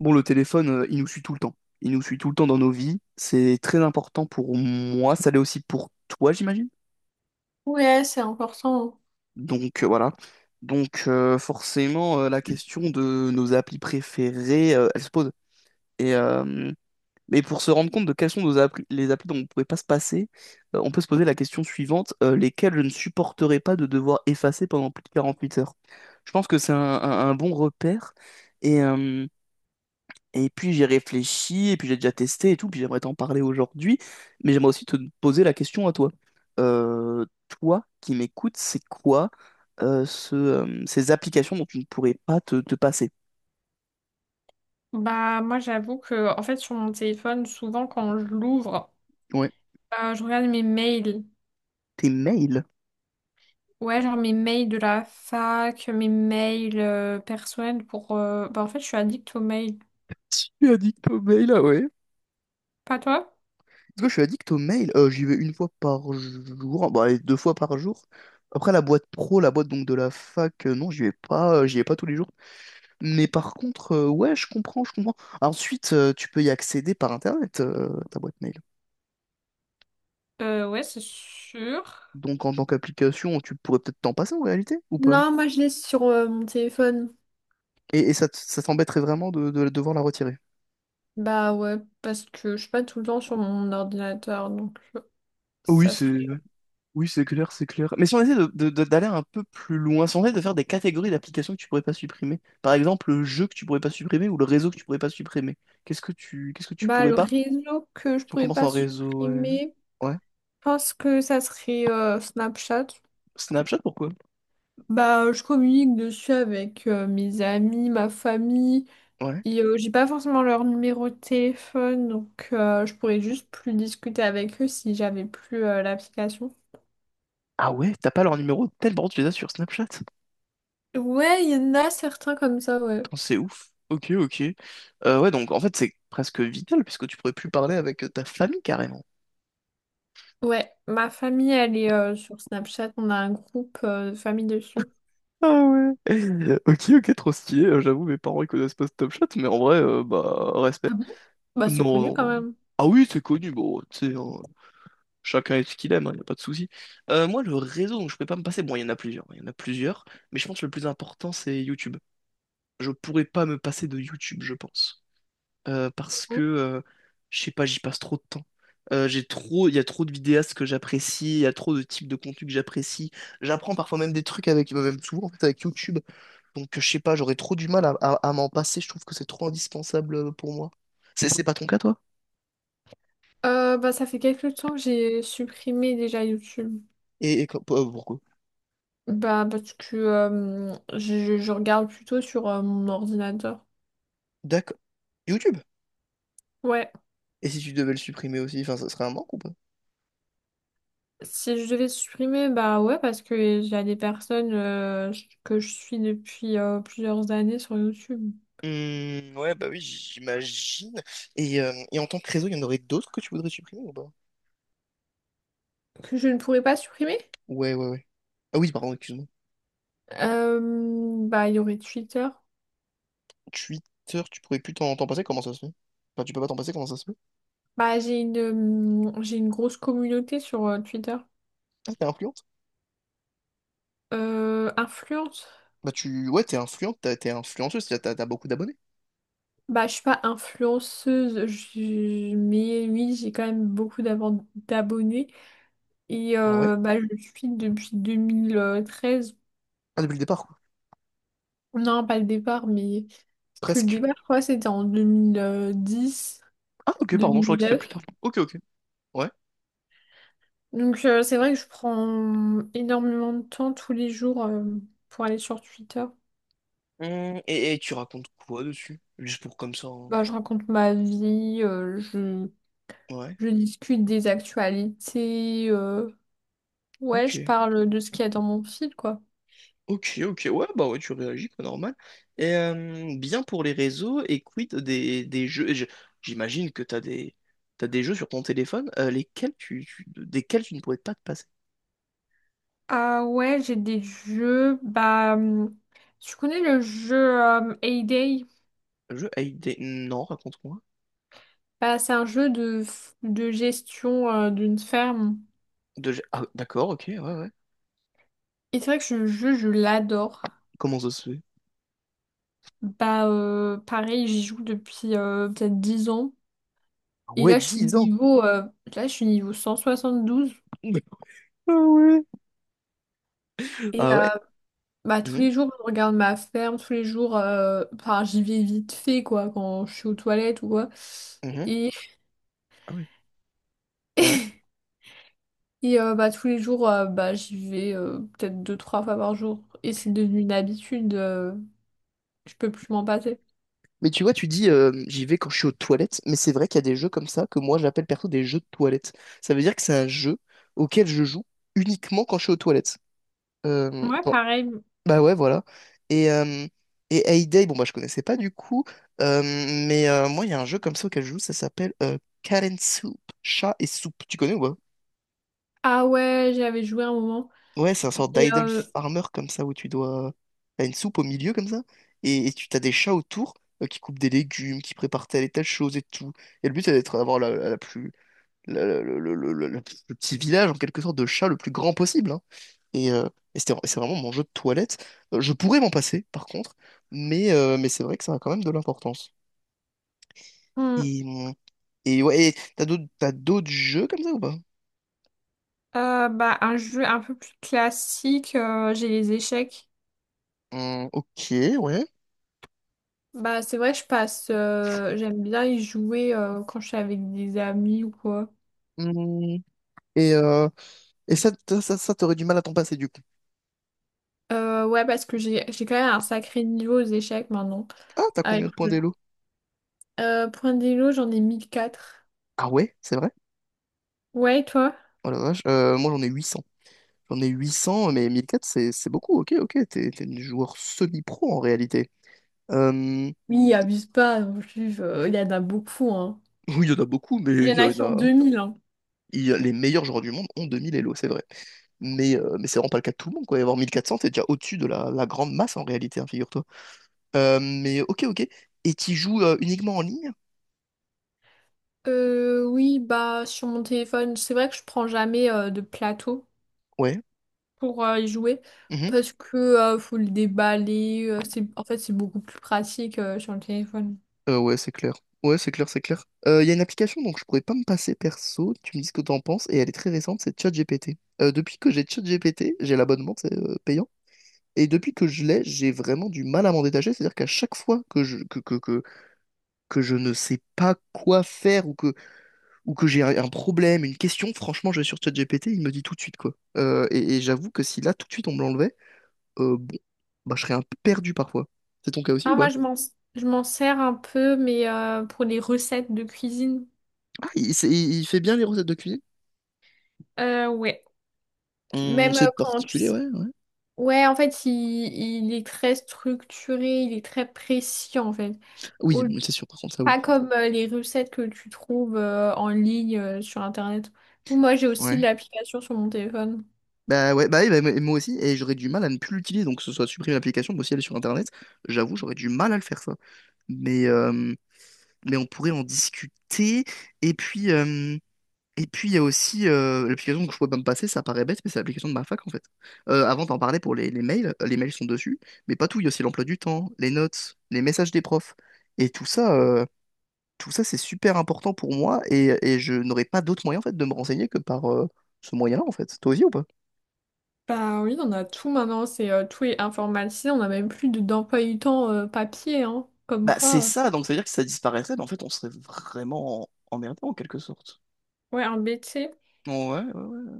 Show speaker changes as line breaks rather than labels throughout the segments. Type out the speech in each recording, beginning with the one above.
Bon, le téléphone, il nous suit tout le temps. Il nous suit tout le temps dans nos vies. C'est très important pour moi. Ça l'est aussi pour toi, j'imagine.
Ouais, c'est important.
Donc voilà. Donc forcément, la question de nos applis préférées, elle se pose. Et, euh, mais pour se rendre compte de quelles sont nos applis, les applis dont on ne pouvait pas se passer, on peut se poser la question suivante, lesquelles je ne supporterais pas de devoir effacer pendant plus de 48 heures. Je pense que c'est un bon repère. Et, euh, Et puis j'ai réfléchi, et puis j'ai déjà testé et tout, puis j'aimerais t'en parler aujourd'hui, mais j'aimerais aussi te poser la question à toi. Euh, Toi qui m'écoutes, c'est quoi ces applications dont tu ne pourrais pas te passer?
Bah moi j'avoue que en fait sur mon téléphone souvent quand je l'ouvre,
Ouais.
je regarde mes mails,
Tes mails.
ouais, genre mes mails de la fac, mes mails personnels, pour, bah en fait je suis addict aux mails.
Je suis addict aux mails, ah ouais.
Pas toi?
Parce que je suis addict aux mails, j'y vais une fois par jour, bah, allez, deux fois par jour. Après la boîte pro, la boîte donc de la fac, non, j'y vais pas, j'y vais pas tous les jours. Mais par contre, ouais, je comprends, je comprends. Ensuite, tu peux y accéder par Internet, ta boîte mail.
Ouais, c'est sûr.
Donc en tant qu'application, tu pourrais peut-être t'en passer en réalité, ou pas?
Non, moi je l'ai sur mon téléphone.
Et ça, ça t'embêterait vraiment de, devoir la retirer.
Bah ouais, parce que je suis pas tout le temps sur mon ordinateur, donc,
Oui,
ça serait...
c'est oui, c'est clair, c'est clair. Mais si on essaie de, d'aller un peu plus loin, si on essaie de faire des catégories d'applications que tu pourrais pas supprimer, par exemple le jeu que tu pourrais pas supprimer ou le réseau que tu pourrais pas supprimer, qu'est-ce que tu
Bah
pourrais
le
pas?
réseau que je
Si on
pourrais
commence
pas
en réseau,
supprimer,
ouais.
je pense que ça serait, Snapchat.
Snapchat, pourquoi?
Bah, je communique dessus avec mes amis, ma famille,
Ouais.
et j'ai pas forcément leur numéro de téléphone, donc je pourrais juste plus discuter avec eux si j'avais plus l'application.
Ah ouais, t'as pas leur numéro, tellement tu les as sur Snapchat.
Ouais, il y en a certains comme ça, ouais.
Putain, c'est ouf. Ok, ok. Ouais, donc en fait, c'est presque vital puisque tu pourrais plus parler avec ta famille carrément.
Ouais, ma famille, elle est sur Snapchat, on a un groupe de famille dessus.
Ah ouais. Ok, ok, trop stylé. J'avoue, mes parents ils connaissent pas ce Top Shot, mais en vrai, bah, respect.
Ah bon? Bah, c'est connu
Non,
quand
non.
même.
Ah oui, c'est connu. Bon, tu sais, hein, chacun est ce qu'il aime, hein, y a pas de souci. Moi, le réseau dont je peux pas me passer, bon, il y en a plusieurs. Il y en a plusieurs, mais je pense que le plus important, c'est YouTube. Je pourrais pas me passer de YouTube, je pense. Parce que
Hein.
Je sais pas, j'y passe trop de temps. Il y a trop de vidéastes que j'apprécie, il y a trop de types de contenu que j'apprécie. J'apprends parfois même des trucs avec, bah, même souvent en fait avec YouTube. Donc je sais pas, j'aurais trop du mal à, m'en passer. Je trouve que c'est trop indispensable pour moi. C'est pas ton cas toi?
Bah, ça fait quelques temps que j'ai supprimé déjà YouTube.
Et, pourquoi?
Bah, parce que je regarde plutôt sur mon ordinateur.
D'accord. YouTube.
Ouais.
Et si tu devais le supprimer aussi, enfin, ça serait un manque ou pas?
Si je devais supprimer, bah ouais, parce que il y a des personnes que je suis depuis plusieurs années sur YouTube,
Hmm, ouais, bah oui, j'imagine. Et en tant que réseau, il y en aurait d'autres que tu voudrais supprimer ou pas?
que je ne pourrais pas supprimer.
Ouais, ouais, ouais. Ah oui, pardon, excuse-moi.
Euh, Bah il y aurait Twitter.
Twitter, tu pourrais plus t'en passer, comment ça se fait? Enfin, tu peux pas t'en passer, comment ça se fait?
Bah j'ai une grosse communauté sur Twitter.
Ah, t'es influente?
Influence.
Bah, tu. Ouais, t'es influente, t'es influenceuse, t'as beaucoup d'abonnés.
Bah je suis pas influenceuse, mais oui j'ai quand même beaucoup d'abonnés, et
Ah ouais?
bah je le suis depuis 2013.
Ah, depuis le départ, quoi.
Non pas le départ, mais que le
Presque.
débat, je crois, c'était en deux mille dix,
Ah, ok,
deux
pardon, je croyais
mille
que c'était
neuf.
plus tard. Ok, ok. Ouais.
Donc c'est vrai que je prends énormément de temps tous les jours, pour aller sur Twitter.
Et, tu racontes quoi dessus? Juste pour comme ça, hein.
Bah, je raconte ma vie,
Ouais.
je discute des actualités, ouais,
Ok.
je parle de ce qu'il y a dans mon fil, quoi.
Ok, ok. Ouais, bah ouais, tu réagis, quoi, normal. Et bien pour les réseaux, et quid des jeux. J'imagine que t'as des. T'as des jeux sur ton téléphone, lesquels tu, desquels tu ne pourrais pas te passer.
Ah ouais, j'ai des jeux. Bah, tu connais le jeu Hay.
Le jeu Hay Day. Non, raconte-moi.
Bah, c'est un jeu de, de gestion d'une ferme.
Ah, d'accord, ok, ouais, ouais.
Et c'est vrai que ce jeu, je l'adore.
Comment ça se fait?
Bah, pareil, j'y joue depuis peut-être 10 ans.
Ah
Et
Ouais,
là, je suis
10 ans!
niveau, 172.
Ah ouais!
Et
Ah ouais.
bah, tous
Mhm,
les jours, je regarde ma ferme, tous les jours, enfin, j'y vais vite fait, quoi, quand je suis aux toilettes ou quoi.
mhm,
Et,
Ah ouais. Ouais.
bah, tous les jours, bah, j'y vais peut-être deux, trois fois par jour. Et c'est devenu une habitude, je peux plus m'en passer.
Mais tu vois, tu dis j'y vais quand je suis aux toilettes, mais c'est vrai qu'il y a des jeux comme ça que moi j'appelle perso des jeux de toilettes. Ça veut dire que c'est un jeu auquel je joue uniquement quand je suis aux toilettes.
Ouais,
Bon,
pareil.
bah ouais, voilà. Et, euh, et Hay Day, bon bah je connaissais pas du coup, mais moi il y a un jeu comme ça auquel je joue, ça s'appelle Cat and Soup, chat et soupe. Tu connais ou pas?
Ah ouais, j'avais joué un moment.
Ouais, c'est un sort
Et,
d'idle farmer comme ça où tu dois. T'as une soupe au milieu comme ça, et tu t'as des chats autour qui coupent des légumes, qui préparent telle et telle chose et tout. Et le but c'est d'être d'avoir la, la plus la- la- le petit village en quelque sorte de chats le plus grand possible, hein. Et, euh, c'est vraiment mon jeu de toilette. Je pourrais m'en passer par contre, mais c'est vrai que ça a quand même de l'importance.
mmh.
Et, hum, et ouais, t'as d'autres jeux comme ça ou pas?
Bah, un jeu un peu plus classique, j'ai les échecs.
Ok, ouais.
Bah, c'est vrai, je passe. J'aime bien y jouer quand je suis avec des amis ou quoi.
Hum, Et ça, t'aurais du mal à t'en passer du coup.
Ouais, parce que j'ai quand même un sacré niveau aux échecs maintenant.
Ah, t'as
Avec
combien de points
le
d'élo?
point d'élo, j'en ai mille quatre.
Ah ouais, c'est vrai?
Ouais, et toi?
Oh la vache, moi j'en ai 800. J'en ai 800, mais 1400, c'est beaucoup, ok, ok, t'es une joueur semi-pro en réalité. Euh,
Oui, abuse pas non plus, il y en a beaucoup, hein.
oui, il y en a beaucoup, mais
Il y
il
en
y en
a qui ont
a...
2000, hein.
Les meilleurs joueurs du monde ont 2000 élo, c'est vrai. Mais c'est vraiment pas le cas de tout le monde, quoi. Et avoir 1400, t'es déjà au-dessus de la grande masse en réalité, hein, figure-toi. Mais ok, ok. Et tu joues uniquement en ligne?
Oui, bah, sur mon téléphone, c'est vrai que je prends jamais de plateau
Ouais.
pour y jouer, parce que faut le déballer. C'est, en fait, c'est beaucoup plus pratique sur le téléphone.
Ouais, c'est clair. Ouais, c'est clair, c'est clair. Il y a une application dont je pourrais pas me passer perso, tu me dis ce que t'en penses, et elle est très récente, c'est ChatGPT. Depuis que j'ai ChatGPT, j'ai l'abonnement, c'est payant, et depuis que je l'ai, j'ai vraiment du mal à m'en détacher, c'est-à-dire qu'à chaque fois que je ne sais pas quoi faire, ou que j'ai un problème, une question, franchement, je vais sur ChatGPT, il me dit tout de suite, quoi. Et j'avoue que si là, tout de suite, on me l'enlevait, bon, bah, je serais un peu perdu parfois. C'est ton cas aussi
Ah,
ou
moi,
pas?
je m'en sers un peu, mais pour les recettes de cuisine.
Ah, il, c'est- il fait bien les recettes de cuisine.
Ouais. Même
C'est
quand tu
particulier,
sais.
ouais, ouais.
Ouais, en fait, il est très structuré, il est très précis, en fait.
Oui,
Au-
oui, c'est sûr, par contre, ça, oui.
Pas comme les recettes que tu trouves en ligne sur Internet. Ou moi, j'ai aussi
Ouais.
l'application sur mon téléphone.
Bah ouais, bah, oui, bah, moi aussi, et j'aurais du mal à ne plus l'utiliser, donc que ce soit supprimer l'application, mais aussi aller sur Internet, j'avoue, j'aurais du mal à le faire, ça. Mais, euh, mais on pourrait en discuter, et puis... euh, Et puis il y a aussi l'application que je pourrais pas me passer, ça paraît bête, mais c'est l'application de ma fac en fait. Avant d'en parler pour les mails, les mails sont dessus, mais pas tout, il y a aussi l'emploi du temps, les notes, les messages des profs, et tout ça, tout ça, c'est super important pour moi et je n'aurais pas d'autre moyen en fait de me renseigner que par ce moyen-là en fait. Toi aussi ou pas?
Bah oui, on a tout maintenant, c'est tout est informatisé, on n'a même plus d'emploi du temps papier, hein, comme
Bah c'est
quoi.
ça, donc ça veut dire que si ça disparaissait, bah, en fait on serait vraiment emmerdé en quelque sorte.
Ouais, un BT,
Ouais, ouais, ouais.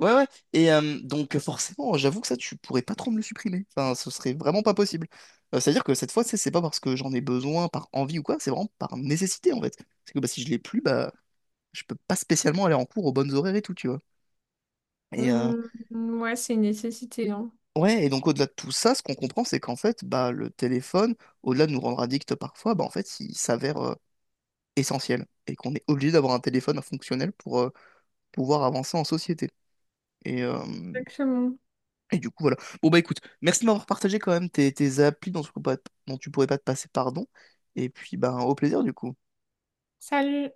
Ouais, ouais, ouais. Donc forcément, j'avoue que ça, tu pourrais pas trop me le supprimer. Enfin, ce serait vraiment pas possible. C'est-à-dire que cette fois, tu sais, c'est pas parce que j'en ai besoin, par envie ou quoi, c'est vraiment par nécessité en fait. C'est que bah, si je l'ai plus, bah je peux pas spécialement aller en cours aux bonnes horaires et tout, tu vois. Et, euh,
ouais, c'est une nécessité, hein.
Ouais, et donc au-delà de tout ça, ce qu'on comprend, c'est qu'en fait, bah, le téléphone, au-delà de nous rendre addicts parfois, bah, en fait, il s'avère essentiel et qu'on est obligé d'avoir un téléphone fonctionnel pour pouvoir avancer en société. Et, euh,
Exactement.
et du coup, voilà. Bon, bah écoute, merci de m'avoir partagé quand même tes applis dont tu pourrais pas te passer, pardon. Et puis, bah, au plaisir du coup.
Salut!